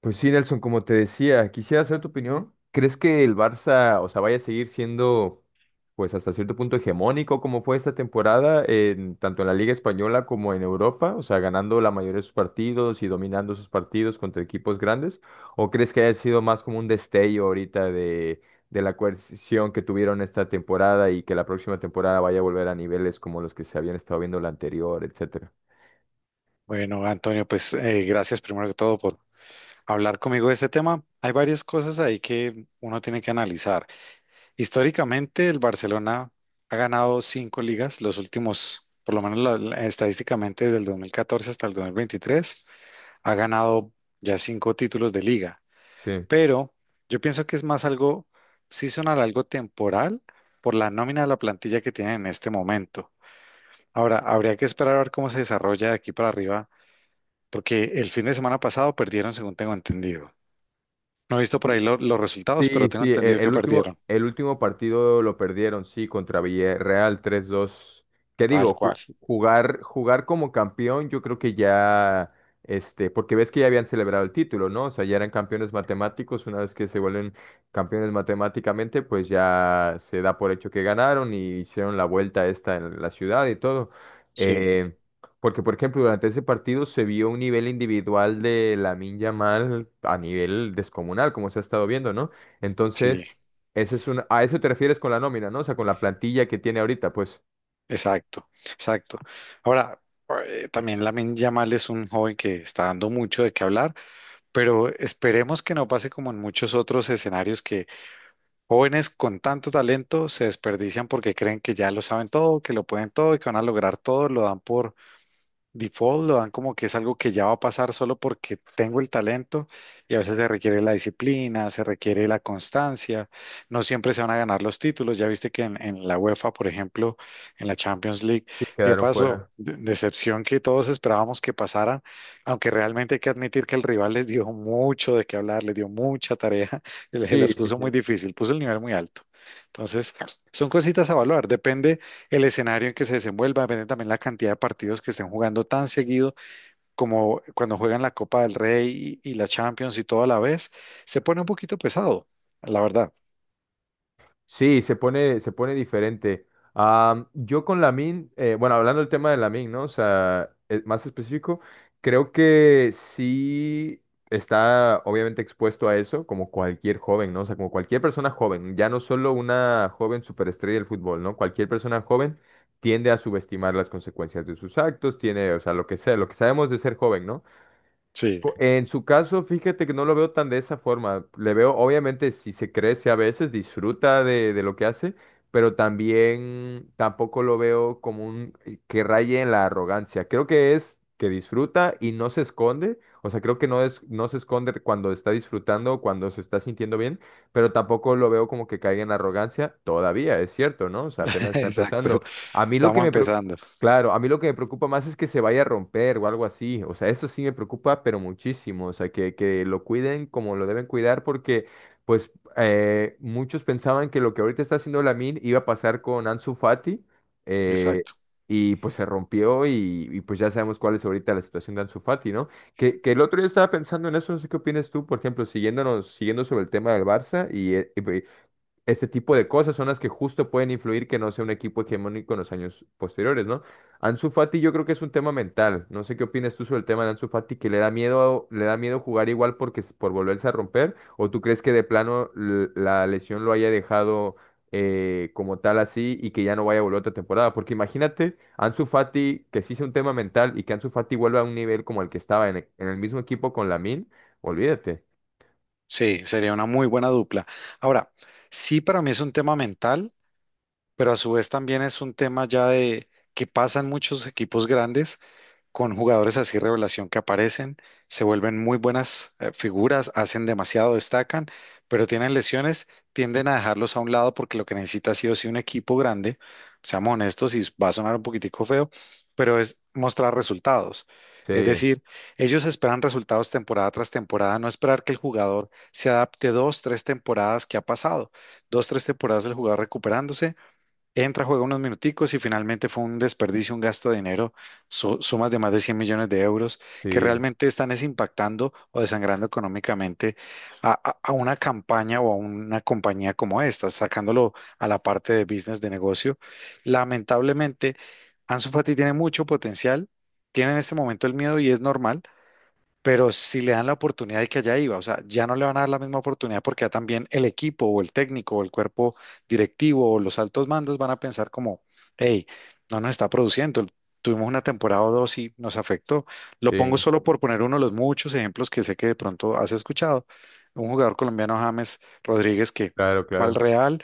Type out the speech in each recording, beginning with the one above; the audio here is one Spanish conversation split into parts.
Pues sí, Nelson, como te decía, quisiera saber tu opinión. ¿Crees que el Barça, o sea, vaya a seguir siendo, pues hasta cierto punto hegemónico como fue esta temporada, tanto en la Liga Española como en Europa? O sea, ganando la mayoría de sus partidos y dominando sus partidos contra equipos grandes. ¿O crees que haya sido más como un destello ahorita de la coerción que tuvieron esta temporada y que la próxima temporada vaya a volver a niveles como los que se habían estado viendo la anterior, etcétera? Bueno, Antonio, pues gracias primero que todo por hablar conmigo de este tema. Hay varias cosas ahí que uno tiene que analizar. Históricamente, el Barcelona ha ganado cinco ligas, los últimos, por lo menos estadísticamente desde el 2014 hasta el 2023 ha ganado ya cinco títulos de liga. Pero yo pienso que es más algo seasonal, algo temporal, por la nómina de la plantilla que tienen en este momento. Ahora, habría que esperar a ver cómo se desarrolla de aquí para arriba porque el fin de semana pasado perdieron, según tengo entendido. No he visto por ahí Sí. Los resultados, Sí, pero tengo sí, entendido e- que el último, perdieron. el último partido lo perdieron, sí, contra Villarreal 3-2. ¿Qué Tal digo? Ju- cual. jugar, jugar como campeón, yo creo que ya, porque ves que ya habían celebrado el título, ¿no? O sea, ya eran campeones matemáticos, una vez que se vuelven campeones matemáticamente, pues ya se da por hecho que ganaron y hicieron la vuelta esta en la ciudad y todo. Sí, Eh, Porque, por ejemplo, durante ese partido se vio un nivel individual de Lamine Yamal a nivel descomunal, como se ha estado viendo, ¿no? Entonces, sí, ese es a eso te refieres con la nómina, ¿no? O sea, con la plantilla que tiene ahorita, pues. exacto, exacto. Ahora, también Lamine Yamal es un joven que está dando mucho de qué hablar, pero esperemos que no pase como en muchos otros escenarios que jóvenes con tanto talento se desperdician porque creen que ya lo saben todo, que lo pueden todo y que van a lograr todo, lo dan por default, lo dan como que es algo que ya va a pasar solo porque tengo el talento y a veces se requiere la disciplina, se requiere la constancia, no siempre se van a ganar los títulos, ya viste que en la UEFA, por ejemplo, en la Champions League, Sí, ¿qué quedaron pasó? fuera. Decepción que todos esperábamos que pasara, aunque realmente hay que admitir que el rival les dio mucho de qué hablar, les dio mucha tarea, les Sí, las sí, puso muy sí. difícil, puso el nivel muy alto. Entonces, son cositas a evaluar, depende el escenario en que se desenvuelva, depende también la cantidad de partidos que estén jugando tan seguido como cuando juegan la Copa del Rey y la Champions y todo a la vez, se pone un poquito pesado, la verdad. Sí, se pone diferente. Yo con Lamin, bueno, hablando del tema de Lamin, ¿no? O sea, más específico, creo que sí está obviamente expuesto a eso, como cualquier joven, ¿no? O sea, como cualquier persona joven, ya no solo una joven superestrella del fútbol, ¿no? Cualquier persona joven tiende a subestimar las consecuencias de sus actos, tiene, o sea, lo que sabemos de ser joven, ¿no? Sí. En su caso, fíjate que no lo veo tan de esa forma. Le veo, obviamente, si se crece a veces, disfruta de lo que hace, pero también tampoco lo veo como un que raye en la arrogancia. Creo que es que disfruta y no se esconde. O sea, creo que no es, no se esconde cuando está disfrutando, cuando se está sintiendo bien, pero tampoco lo veo como que caiga en arrogancia todavía, es cierto, ¿no? O sea, apenas está Exacto. empezando. A mí lo que Estamos me, pre- empezando. Claro, a mí lo que me preocupa más es que se vaya a romper o algo así. O sea, eso sí me preocupa, pero muchísimo. O sea, que lo cuiden como lo deben cuidar porque, pues, muchos pensaban que lo que ahorita está haciendo Lamine iba a pasar con Ansu Fati eh, Exacto. y pues se rompió y, pues ya sabemos cuál es ahorita la situación de Ansu Fati, ¿no? Que el otro día estaba pensando en eso, no sé qué opinas tú, por ejemplo, siguiendo sobre el tema del Barça y, este tipo de cosas son las que justo pueden influir que no sea un equipo hegemónico en los años posteriores, ¿no? Ansu Fati yo creo que es un tema mental. No sé qué opinas tú sobre el tema de Ansu Fati, que le da miedo jugar igual porque por volverse a romper, o tú crees que de plano la lesión lo haya dejado como tal así y que ya no vaya a volver otra temporada. Porque imagínate, Ansu Fati, que sí sea un tema mental y que Ansu Fati vuelva a un nivel como el que estaba en el mismo equipo con Lamin, olvídate. Sí, sería una muy buena dupla. Ahora, sí, para mí es un tema mental. Pero a su vez también es un tema ya de que pasan muchos equipos grandes con jugadores así revelación que aparecen, se vuelven muy buenas figuras, hacen demasiado, destacan, pero tienen lesiones, tienden a dejarlos a un lado porque lo que necesita sí o sí un equipo grande, seamos honestos y va a sonar un poquitico feo, pero es mostrar resultados. Es Sí, decir, ellos esperan resultados temporada tras temporada, no esperar que el jugador se adapte 2, 3 temporadas que ha pasado, 2, 3 temporadas del jugador recuperándose entra, juega unos minuticos y finalmente fue un desperdicio, un gasto de dinero, sumas de más de 100 millones de euros que sí, realmente están es impactando o desangrando económicamente a una campaña o a una compañía como esta, sacándolo a la parte de business, de negocio. Lamentablemente, Ansu Fati tiene mucho potencial, tiene en este momento el miedo y es normal pero si le dan la oportunidad de que allá iba, o sea, ya no le van a dar la misma oportunidad porque ya también el equipo o el técnico o el cuerpo directivo o los altos mandos van a pensar como, hey, no nos está produciendo, tuvimos una temporada o dos y nos afectó. Lo pongo sí, solo por poner uno de los muchos ejemplos que sé que de pronto has escuchado. Un jugador colombiano, James Rodríguez, que claro, fue al claro. Real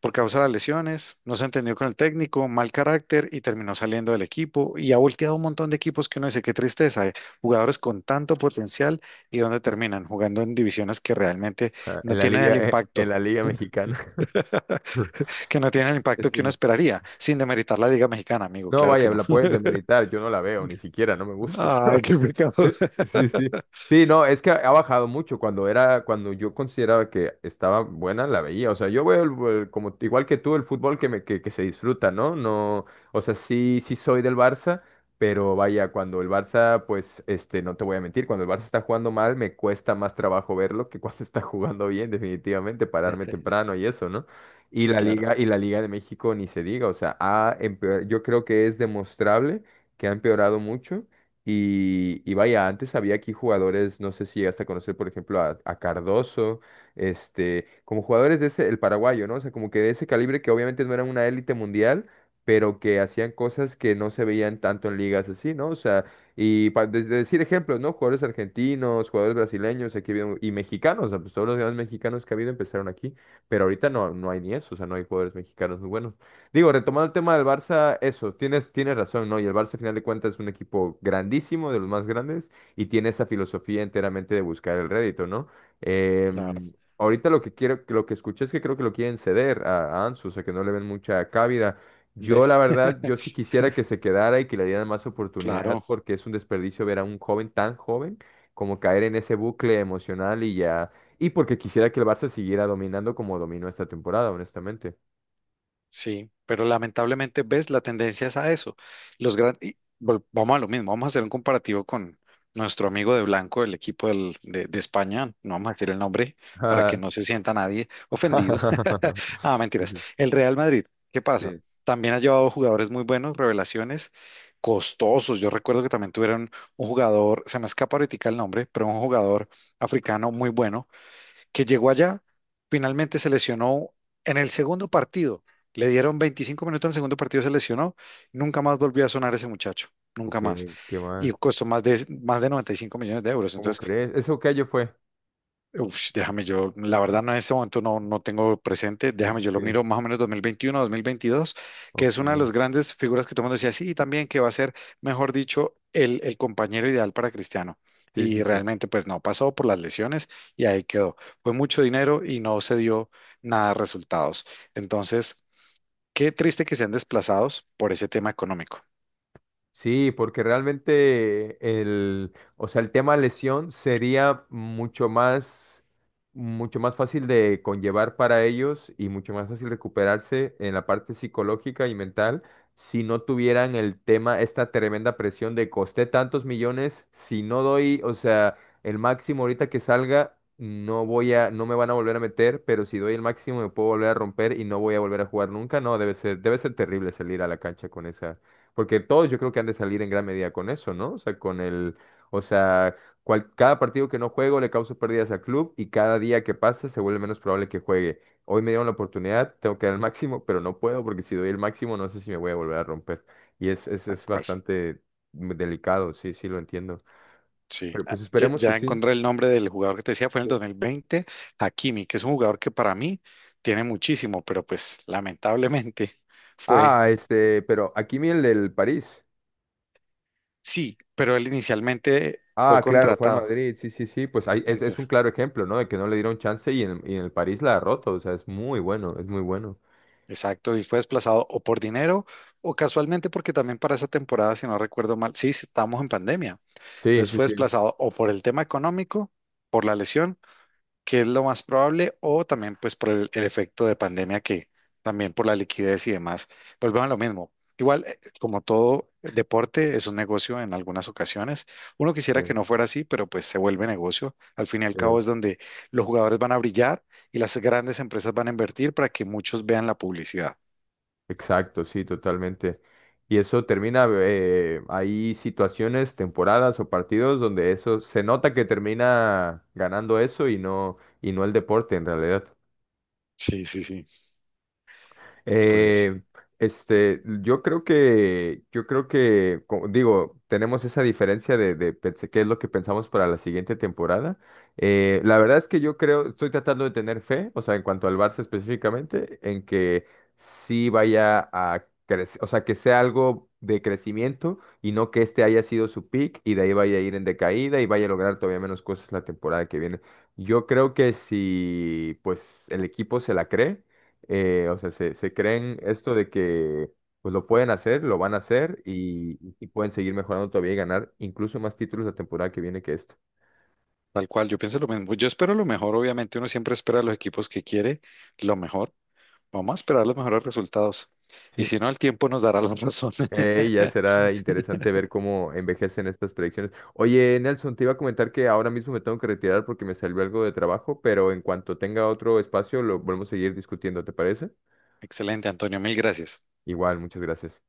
por causa de las lesiones, no se entendió con el técnico, mal carácter y terminó saliendo del equipo y ha volteado un montón de equipos que uno dice, qué tristeza, jugadores con tanto potencial y dónde terminan jugando en divisiones que realmente Ah, no En la tienen el liga, eh, en impacto, la liga mexicana. que no tienen el impacto que uno Sí. esperaría, sin demeritar la Liga Mexicana, amigo, No, claro que vaya, no. la puedes demeritar, yo no la veo, ni siquiera, no me gusta. Ay, qué pecado. Sí, sí. Sí, no, es que ha bajado mucho. Cuando yo consideraba que estaba buena, la veía. O sea, yo veo como igual que tú el fútbol que se disfruta, ¿no? No, o sea, sí, sí soy del Barça, pero vaya, cuando el Barça, pues, no te voy a mentir, cuando el Barça está jugando mal, me cuesta más trabajo verlo que cuando está jugando bien, definitivamente, pararme temprano y eso, ¿no? Y Sí, la claro, Liga, y la Liga de México ni se diga, o sea, yo creo que es demostrable que ha empeorado mucho. Y vaya, antes había aquí jugadores, no sé si llegaste a conocer, por ejemplo, a Cardoso, como jugadores de el paraguayo, ¿no? O sea, como que de ese calibre que obviamente no eran una élite mundial, pero que hacían cosas que no se veían tanto en ligas así, ¿no? O sea, y para decir ejemplos, ¿no? Jugadores argentinos, jugadores brasileños, aquí y mexicanos, o sea, pues todos los grandes mexicanos que ha habido empezaron aquí. Pero ahorita no, no hay ni eso, o sea, no hay jugadores mexicanos muy buenos. Digo, retomando el tema del Barça, eso, tienes razón, ¿no? Y el Barça, al final de cuentas, es un equipo grandísimo, de los más grandes, y tiene esa filosofía enteramente de buscar el rédito, ¿no? claro. Ahorita lo que quiero, lo que escuché es que creo que lo quieren ceder a Ansu, o sea, que no le ven mucha cabida. Yo, ¿Ves? la verdad, yo sí quisiera que se quedara y que le dieran más oportunidad, Claro. porque es un desperdicio ver a un joven tan joven como caer en ese bucle emocional y ya y porque quisiera que el Barça siguiera dominando como dominó esta temporada, honestamente. Sí, pero lamentablemente, ves, la tendencia es a eso. Los gran... y vol- Vamos a lo mismo, vamos a hacer un comparativo con nuestro amigo de blanco, el equipo de España, no vamos a decir el nombre para que no se sienta nadie ofendido. Ah, Sí, mentiras. sí, El Real Madrid, ¿qué pasa? sí. También ha llevado jugadores muy buenos, revelaciones, costosos. Yo recuerdo que también tuvieron un jugador, se me escapa ahorita el nombre, pero un jugador africano muy bueno que llegó allá, finalmente se lesionó en el segundo partido. Le dieron 25 minutos en el segundo partido, se lesionó. Nunca más volvió a sonar ese muchacho, nunca Ok, más. qué Y mal. costó más de 95 millones de euros. ¿Cómo Entonces crees? ¿Eso qué año fue? uf, déjame yo, la verdad no en este momento no tengo presente, Sí, déjame sí, yo lo sí. miro más o menos 2021, 2022, que es Ok. una de las grandes figuras que todo el mundo decía, sí, y también que va a ser, mejor dicho, el compañero ideal para Cristiano. Sí, sí, Y sí. realmente pues no, pasó por las lesiones y ahí quedó. Fue mucho dinero y no se dio nada de resultados. Entonces, qué triste que sean desplazados por ese tema económico. Sí, porque realmente el, o sea, el tema lesión sería mucho más, fácil de conllevar para ellos y mucho más fácil recuperarse en la parte psicológica y mental si no tuvieran el tema, esta tremenda presión de costé tantos millones, si no doy, o sea, el máximo ahorita que salga, no me van a volver a meter, pero si doy el máximo me puedo volver a romper y no voy a volver a jugar nunca. No, debe ser terrible salir a la cancha con esa porque todos yo creo que han de salir en gran medida con eso, ¿no? O sea, con el, o sea, cada partido que no juego le causo pérdidas al club y cada día que pasa se vuelve menos probable que juegue. Hoy me dieron la oportunidad, tengo que dar el máximo, pero no puedo porque si doy el máximo no sé si me voy a volver a romper. Y es, es, Tal es cual. bastante delicado, sí, sí, lo entiendo. Sí, Pero ah, pues ya, esperemos que ya sí. encontré el nombre del jugador que te decía, fue en el Sí. 2020, Hakimi, que es un jugador que para mí tiene muchísimo, pero pues lamentablemente fue, Ah, pero aquí viene el del París. sí, pero él inicialmente fue Ah, claro, fue al contratado, Madrid, sí, sí, sí, pues ahí es un entonces, claro ejemplo, ¿no? De que no le dieron chance y en el París la derrotó, o sea, es muy bueno, es muy bueno. exacto, y fue desplazado o por dinero o casualmente porque también para esa temporada, si no recuerdo mal, sí, sí, estábamos en pandemia, Sí, entonces sí, fue sí, desplazado o por el tema económico, por la lesión que es lo más probable, o también pues por el efecto de pandemia que también por la liquidez y demás, volvemos a lo mismo. Igual, como todo deporte, es un negocio en algunas ocasiones. Uno sí, quisiera que no fuera así, pero pues se vuelve negocio. Al fin y al cabo sí, es donde los jugadores van a brillar y las grandes empresas van a invertir para que muchos vean la publicidad. exacto, sí, totalmente. Y eso termina, hay situaciones, temporadas o partidos donde eso se nota que termina ganando eso y no el deporte en realidad. Sí, sí, sí. Pues Eh, yo creo que, como digo, tenemos esa diferencia de qué es lo que pensamos para la siguiente temporada. La verdad es que yo creo, estoy tratando de tener fe, o sea, en cuanto al Barça específicamente, en que sí vaya a crecer, o sea, que sea algo de crecimiento y no que este haya sido su peak y de ahí vaya a ir en decaída y vaya a lograr todavía menos cosas la temporada que viene. Yo creo que si, pues, el equipo se la cree o sea, se creen esto de que pues lo pueden hacer, lo van a hacer y pueden seguir mejorando todavía y ganar incluso más títulos la temporada que viene que esta. tal cual, yo pienso lo mismo. Yo espero lo mejor, obviamente. Uno siempre espera a los equipos que quiere lo mejor, vamos a esperar los mejores resultados. Y Sí. si no, el tiempo nos dará la razón. Ya será interesante ver cómo envejecen estas predicciones. Oye, Nelson, te iba a comentar que ahora mismo me tengo que retirar porque me salió algo de trabajo, pero en cuanto tenga otro espacio lo volvemos a seguir discutiendo, ¿te parece? Excelente, Antonio, mil gracias. Igual, muchas gracias.